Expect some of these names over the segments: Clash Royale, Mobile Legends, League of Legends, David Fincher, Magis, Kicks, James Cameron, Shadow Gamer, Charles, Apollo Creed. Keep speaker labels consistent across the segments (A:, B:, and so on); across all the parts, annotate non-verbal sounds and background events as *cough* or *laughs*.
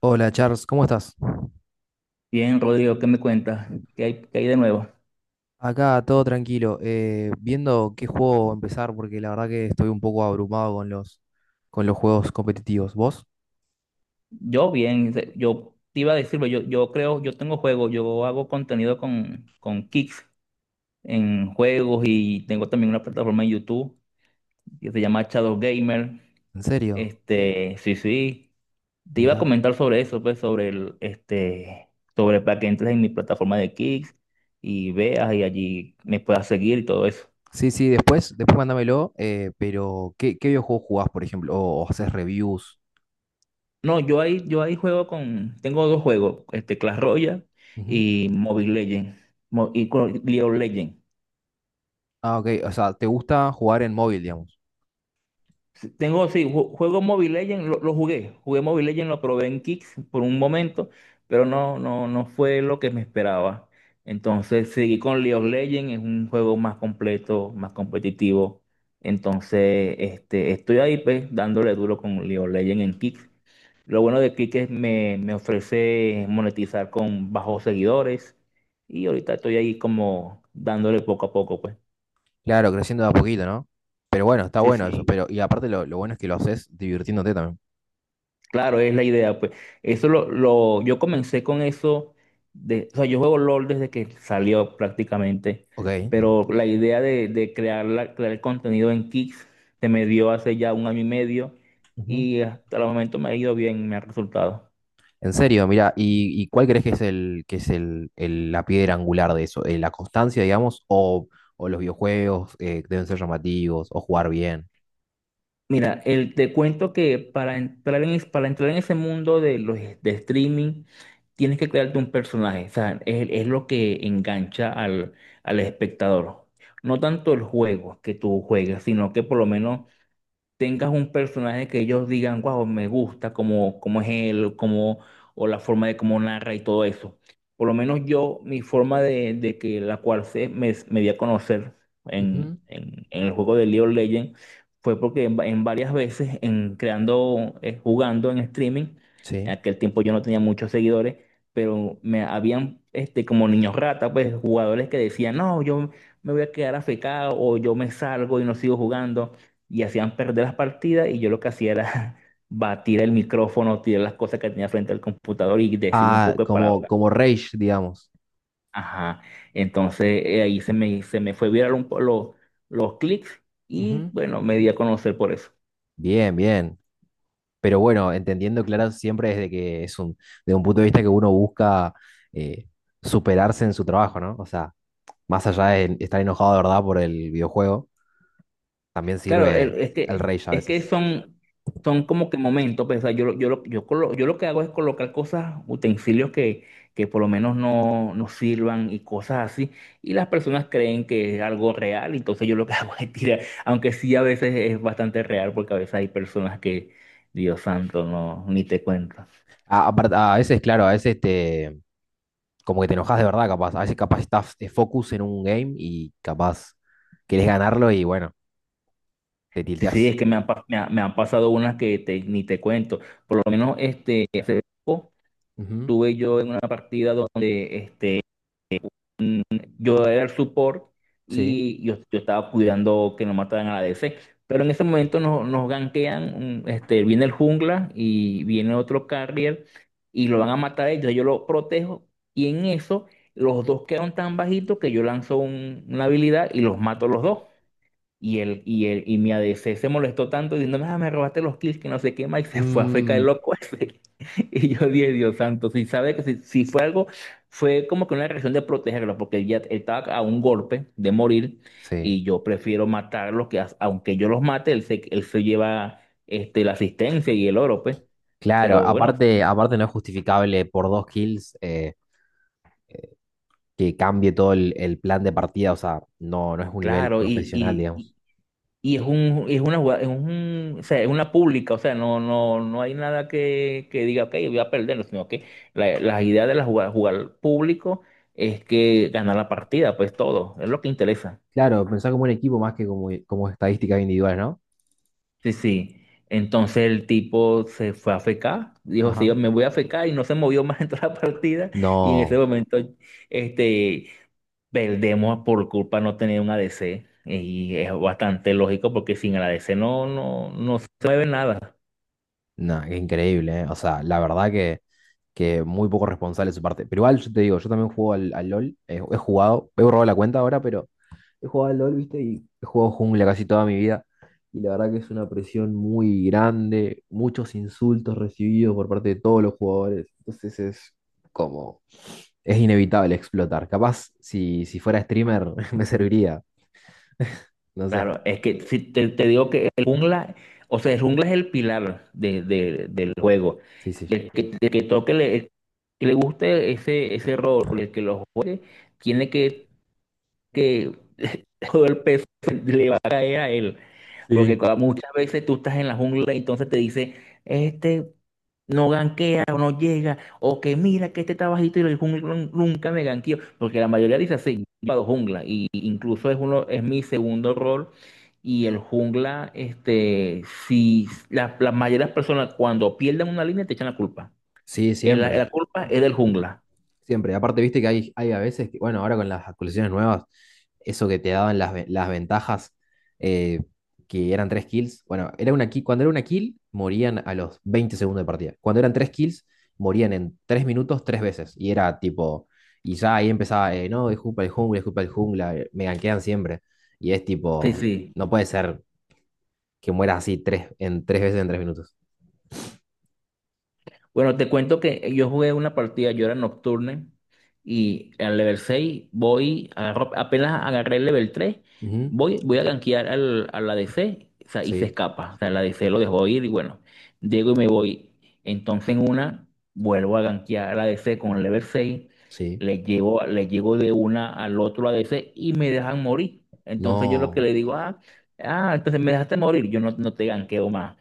A: Hola Charles, ¿cómo estás?
B: Bien, Rodrigo, ¿qué me cuentas? ¿Qué hay de nuevo?
A: Acá todo tranquilo, viendo qué juego empezar porque la verdad que estoy un poco abrumado con los juegos competitivos. ¿Vos?
B: Yo bien, yo te iba a decir, pero yo creo, yo tengo juegos, yo hago contenido con Kicks en juegos y tengo también una plataforma en YouTube que se llama Shadow Gamer.
A: ¿En serio?
B: Sí, sí, te iba a
A: Mirá.
B: comentar sobre eso, pues, sobre el, sobre para que entres en mi plataforma de Kicks y veas y allí me puedas seguir y todo eso.
A: Sí, sí, después mándamelo, pero ¿qué videojuego jugás, por ejemplo? ¿O haces reviews?
B: No, yo ahí juego con, tengo dos juegos, Clash Royale
A: Ujú.
B: y Mobile Legends, y con League of Legends.
A: Ah, ok, o sea, ¿te gusta jugar en móvil, digamos?
B: Sí, tengo, sí, juego Mobile Legends, lo jugué, Mobile Legends, lo probé en Kicks por un momento, pero no, no, no fue lo que me esperaba. Entonces seguí con League of Legends, es un juego más completo, más competitivo. Entonces, estoy ahí pues dándole duro con League of Legends en Kicks. Lo bueno de Click es me ofrece monetizar con bajos seguidores y ahorita estoy ahí como dándole poco a poco, pues.
A: Claro, creciendo de a poquito, ¿no? Pero bueno, está
B: Sí,
A: bueno eso,
B: sí,
A: pero y aparte lo bueno es que lo haces divirtiéndote también.
B: claro, es la idea, pues. Eso lo yo comencé con eso de, o sea, yo juego LOL desde que salió prácticamente,
A: Ok.
B: pero la idea de crear crear el contenido en Kick se me dio hace ya un año y medio
A: Ujú.
B: y hasta el momento me ha ido bien, me ha resultado.
A: En serio, mira, ¿y cuál crees que es la piedra angular de eso? ¿La constancia, digamos, o los videojuegos deben ser llamativos, o jugar bien?
B: Mira, te cuento que para entrar para entrar en ese mundo de los de streaming, tienes que crearte un personaje. O sea, es lo que engancha al espectador. No tanto el juego que tú juegas, sino que por lo menos tengas un personaje que ellos digan, wow, me gusta, como es él, o la forma de cómo narra y todo eso. Por lo menos yo, mi forma de que la cual me di a conocer
A: Ujú.
B: en el juego de League of Legends fue porque en varias veces, en creando, jugando en streaming, en
A: Sí.
B: aquel tiempo yo no tenía muchos seguidores, pero me habían como niños rata, pues jugadores que decían, no, yo me voy a quedar afectado o yo me salgo y no sigo jugando y hacían perder las partidas y yo lo que hacía era *laughs* batir el micrófono, tirar las cosas que tenía frente al computador y decir un
A: Ah,
B: poco de
A: como,
B: palabras.
A: como Rage, digamos.
B: Ajá. Entonces ahí se me, fue viral los clics y
A: Ujú.
B: bueno, me di a conocer por eso.
A: Bien, bien. Pero bueno, entendiendo, claro, siempre desde que es de un punto de vista que uno busca eh, superarse en su trabajo, ¿no? O sea, más allá de estar enojado de verdad por el videojuego, también
B: Claro,
A: sirve
B: es
A: el
B: que,
A: rage a
B: es que
A: veces.
B: son como que momentos, pues, o sea, yo lo que hago es colocar cosas, utensilios que por lo menos no, no sirvan y cosas así, y las personas creen que es algo real, entonces yo lo que *laughs* hago es tirar, aunque sí a veces es bastante real, porque a veces hay personas que, Dios santo, no, ni te cuento.
A: A veces, claro, a veces te, como que te enojas de verdad, capaz. A veces capaz estás de focus en un game y capaz querés ganarlo y bueno, te
B: Sí, sí,
A: tilteás.
B: es que me han, pa- me ha- me han pasado unas ni te cuento, por lo menos
A: Ujú.
B: tuve yo en una partida donde yo era el support
A: Sí.
B: y yo estaba cuidando que no mataran a la DC. Pero en ese momento nos gankean, viene el jungla y viene otro carrier y lo van a matar a ellos. Yo lo protejo y en eso los dos quedan tan bajitos que yo lanzo una habilidad y los mato a los dos. Y mi ADC se molestó tanto diciéndome, ah, me robaste los kills, que no sé qué más, y se fue a fecar
A: Mm,
B: el loco ese. *laughs* Y yo dije, Dios santo, si sabe que si fue algo, fue como que una reacción de protegerlo, porque él ya estaba a un golpe de morir,
A: sí.
B: y yo prefiero matarlos, aunque yo los mate, él se lleva la asistencia y el oro, pues.
A: Claro,
B: Pero bueno,
A: aparte no es justificable por dos kills que cambie todo el plan de partida, o sea, no, no es un nivel
B: claro, y,
A: profesional,
B: y,
A: digamos.
B: Y es un, es una jugada- es un, o sea, es una pública, o sea, no, no, no hay nada que diga, ok, voy a perder, sino que la idea de la jugada, jugar público es que ganar la partida, pues todo, es lo que interesa.
A: Claro, pensar como un equipo más que como estadísticas individuales, ¿no?
B: Sí, sí. Entonces el tipo se fue a fecar, dijo, sí, yo
A: Ajá.
B: me voy a fecar y no se movió más *laughs* en toda la partida y en ese
A: No,
B: momento, este, perdemos por culpa no tener un ADC y es bastante lógico porque sin el ADC no, no, no se mueve nada.
A: no, qué increíble, ¿eh? O sea, la verdad que muy poco responsable de su parte. Pero igual yo te digo, yo también juego al LOL, he jugado, he borrado la cuenta ahora, pero he jugado al LOL, ¿viste? Y he jugado jungla casi toda mi vida. Y la verdad que es una presión muy grande, muchos insultos recibidos por parte de todos los jugadores. Entonces es como, es inevitable explotar. Capaz si fuera streamer *laughs* me serviría, no sé.
B: Claro, es que si te digo que el jungla, o sea, el jungla es el pilar del juego.
A: Sí,
B: Y
A: sí.
B: el que toque, el que le guste ese rol, el que lo juegue, tiene que *laughs* todo el peso le va a caer a él. Porque
A: Sí.
B: muchas veces tú estás en la jungla y entonces te dice, este no ganquea o no llega, o que mira que este está bajito y el jungla nunca me ganqueó. Porque la mayoría dice así, jugado jungla, y incluso es uno, es mi segundo rol. Y el jungla, si la mayoría de las personas cuando pierden una línea te echan la culpa.
A: Sí,
B: Eh, La,
A: siempre.
B: la culpa es del jungla.
A: Siempre. Aparte, viste que hay a veces que, bueno, ahora con las actualizaciones nuevas, eso que te daban las ventajas, eh, que eran tres kills. Bueno, era una kill, cuando era una kill, morían a los 20 segundos de partida. Cuando eran tres kills, morían en 3 minutos tres veces. Y era tipo, y ya ahí empezaba, no, es culpa del jungla, es culpa del jungla, me gankean siempre. Y es
B: Sí,
A: tipo,
B: sí.
A: no puede ser que mueras así en tres veces en 3 minutos.
B: Bueno, te cuento que yo jugué una partida, yo era nocturne y al level 6 voy, apenas agarré el level 3,
A: Ujú.
B: voy a gankear a la DC o sea, y se
A: Sí,
B: escapa. O sea, la DC lo dejó ir y bueno, llego y me voy. Entonces en una vuelvo a gankear a la DC con el level 6,
A: sí.
B: le llego de una al otro ADC y me dejan morir. Entonces yo lo que
A: No.
B: le digo, ah, ah, entonces me dejaste morir, yo no, no te ganqueo más.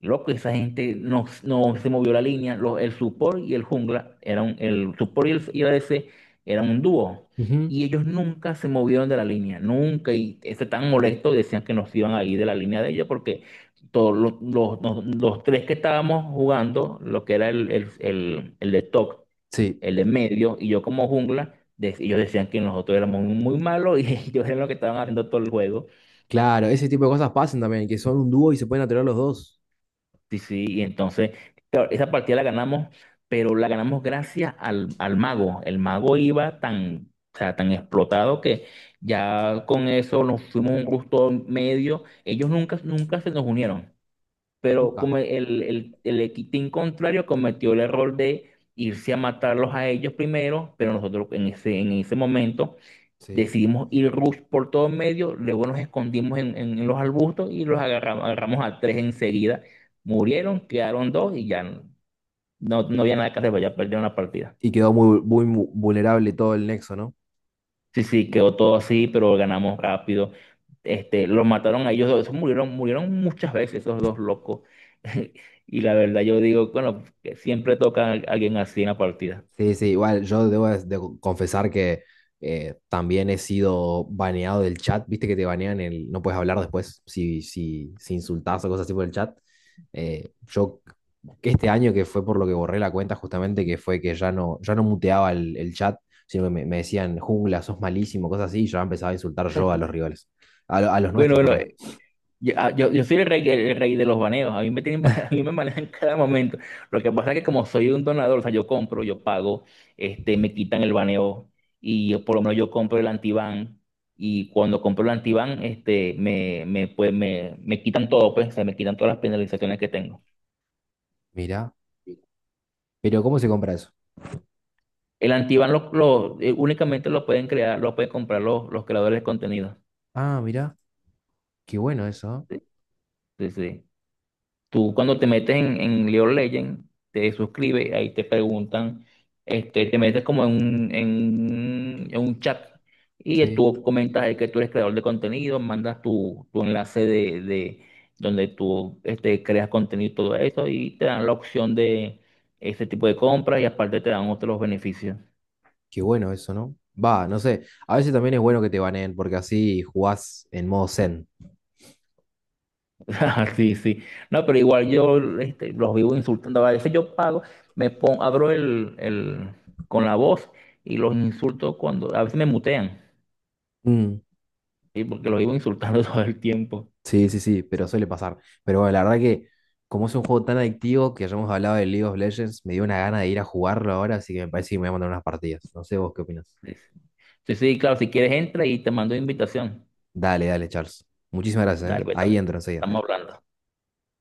B: Loco, esa gente no, no se movió la línea. El support y el jungla eran, el support y el ADC eran un dúo.
A: Ujú.
B: Y ellos nunca se movieron de la línea, nunca. Y estaban tan molesto decían que nos iban a ir de la línea de ellos porque todos los tres que estábamos jugando, lo que era el de top,
A: Sí.
B: el de medio y yo como jungla, ellos decían que nosotros éramos muy malos y *laughs* ellos eran los que estaban haciendo todo el juego.
A: Claro, ese tipo de cosas pasan también, que son un dúo y se pueden atorar los dos.
B: Sí, sí, y entonces, claro, esa partida la ganamos, pero la ganamos gracias al mago. El mago iba tan, o sea, tan explotado que ya con eso nos fuimos un gusto medio. Ellos nunca, nunca se nos unieron, pero
A: Nunca.
B: como el team contrario cometió el error de irse a matarlos a ellos primero, pero nosotros en ese, momento
A: Sí.
B: decidimos ir rush por todo medio, luego nos escondimos en los arbustos y los agarramos a tres enseguida. Murieron, quedaron dos y ya no, no había nada que hacer, pues ya perdieron la partida.
A: Y quedó muy vulnerable todo el nexo, ¿no?
B: Sí, sí, quedó todo así, pero ganamos rápido. Los mataron a ellos dos, esos murieron muchas veces esos dos locos. *laughs* Y la verdad yo digo, bueno, que siempre toca a alguien así en la partida.
A: Sí, sí, igual yo debo de confesar que también he sido baneado del chat, viste que te banean no puedes hablar después si insultás o cosas así por el chat. Yo que este año que fue por lo que borré la cuenta justamente, que fue que ya no muteaba el chat, sino que me decían jungla, sos malísimo, cosas así, y ya empezaba a insultar yo a los rivales, a los
B: Bueno,
A: nuestros,
B: bueno,
A: perdón.
B: Yo soy el rey de los baneos, a mí me tienen, *laughs* a mí me manejan cada momento. Lo que pasa es que como soy un donador, o sea, yo compro, yo pago, me quitan el baneo y yo, por lo menos yo compro el antiban y cuando compro el antiban, pues, me quitan todo, pues, o sea, me quitan todas las penalizaciones que tengo.
A: Mirá, pero ¿cómo se compra eso?
B: El antiban únicamente lo pueden crear, lo pueden comprar los creadores de contenido.
A: Ah, mirá, qué bueno eso, ¿eh?
B: Sí, sí. Sí. Tú cuando te metes en League of Legends, te suscribes, ahí te preguntan, te metes como en un chat y
A: Sí,
B: tú comentas ahí que tú eres creador de contenido, mandas tu enlace de donde tú creas contenido y todo eso y te dan la opción de ese tipo de compras y aparte te dan otros beneficios.
A: qué bueno eso, ¿no? Va, no sé, a veces también es bueno que te baneen porque así jugás en modo zen.
B: *laughs* Ah, sí, sí. No, pero igual yo los vivo insultando. A veces yo pago, me pongo, abro con la voz y los insulto cuando, a veces me mutean,
A: Mm,
B: ¿sí? Porque los vivo insultando *laughs* todo el tiempo.
A: sí, sí, sí, pero suele pasar. Pero bueno, la verdad que como es un juego tan adictivo que ya hemos hablado de League of Legends, me dio una gana de ir a jugarlo ahora, así que me parece que me voy a mandar unas partidas. No sé vos qué opinas.
B: Sí, sí, sí, sí, claro, si quieres entra y te mando invitación.
A: Dale, dale, Charles. Muchísimas gracias,
B: Dale,
A: ¿eh?
B: pues,
A: Ahí entro enseguida.
B: estamos hablando.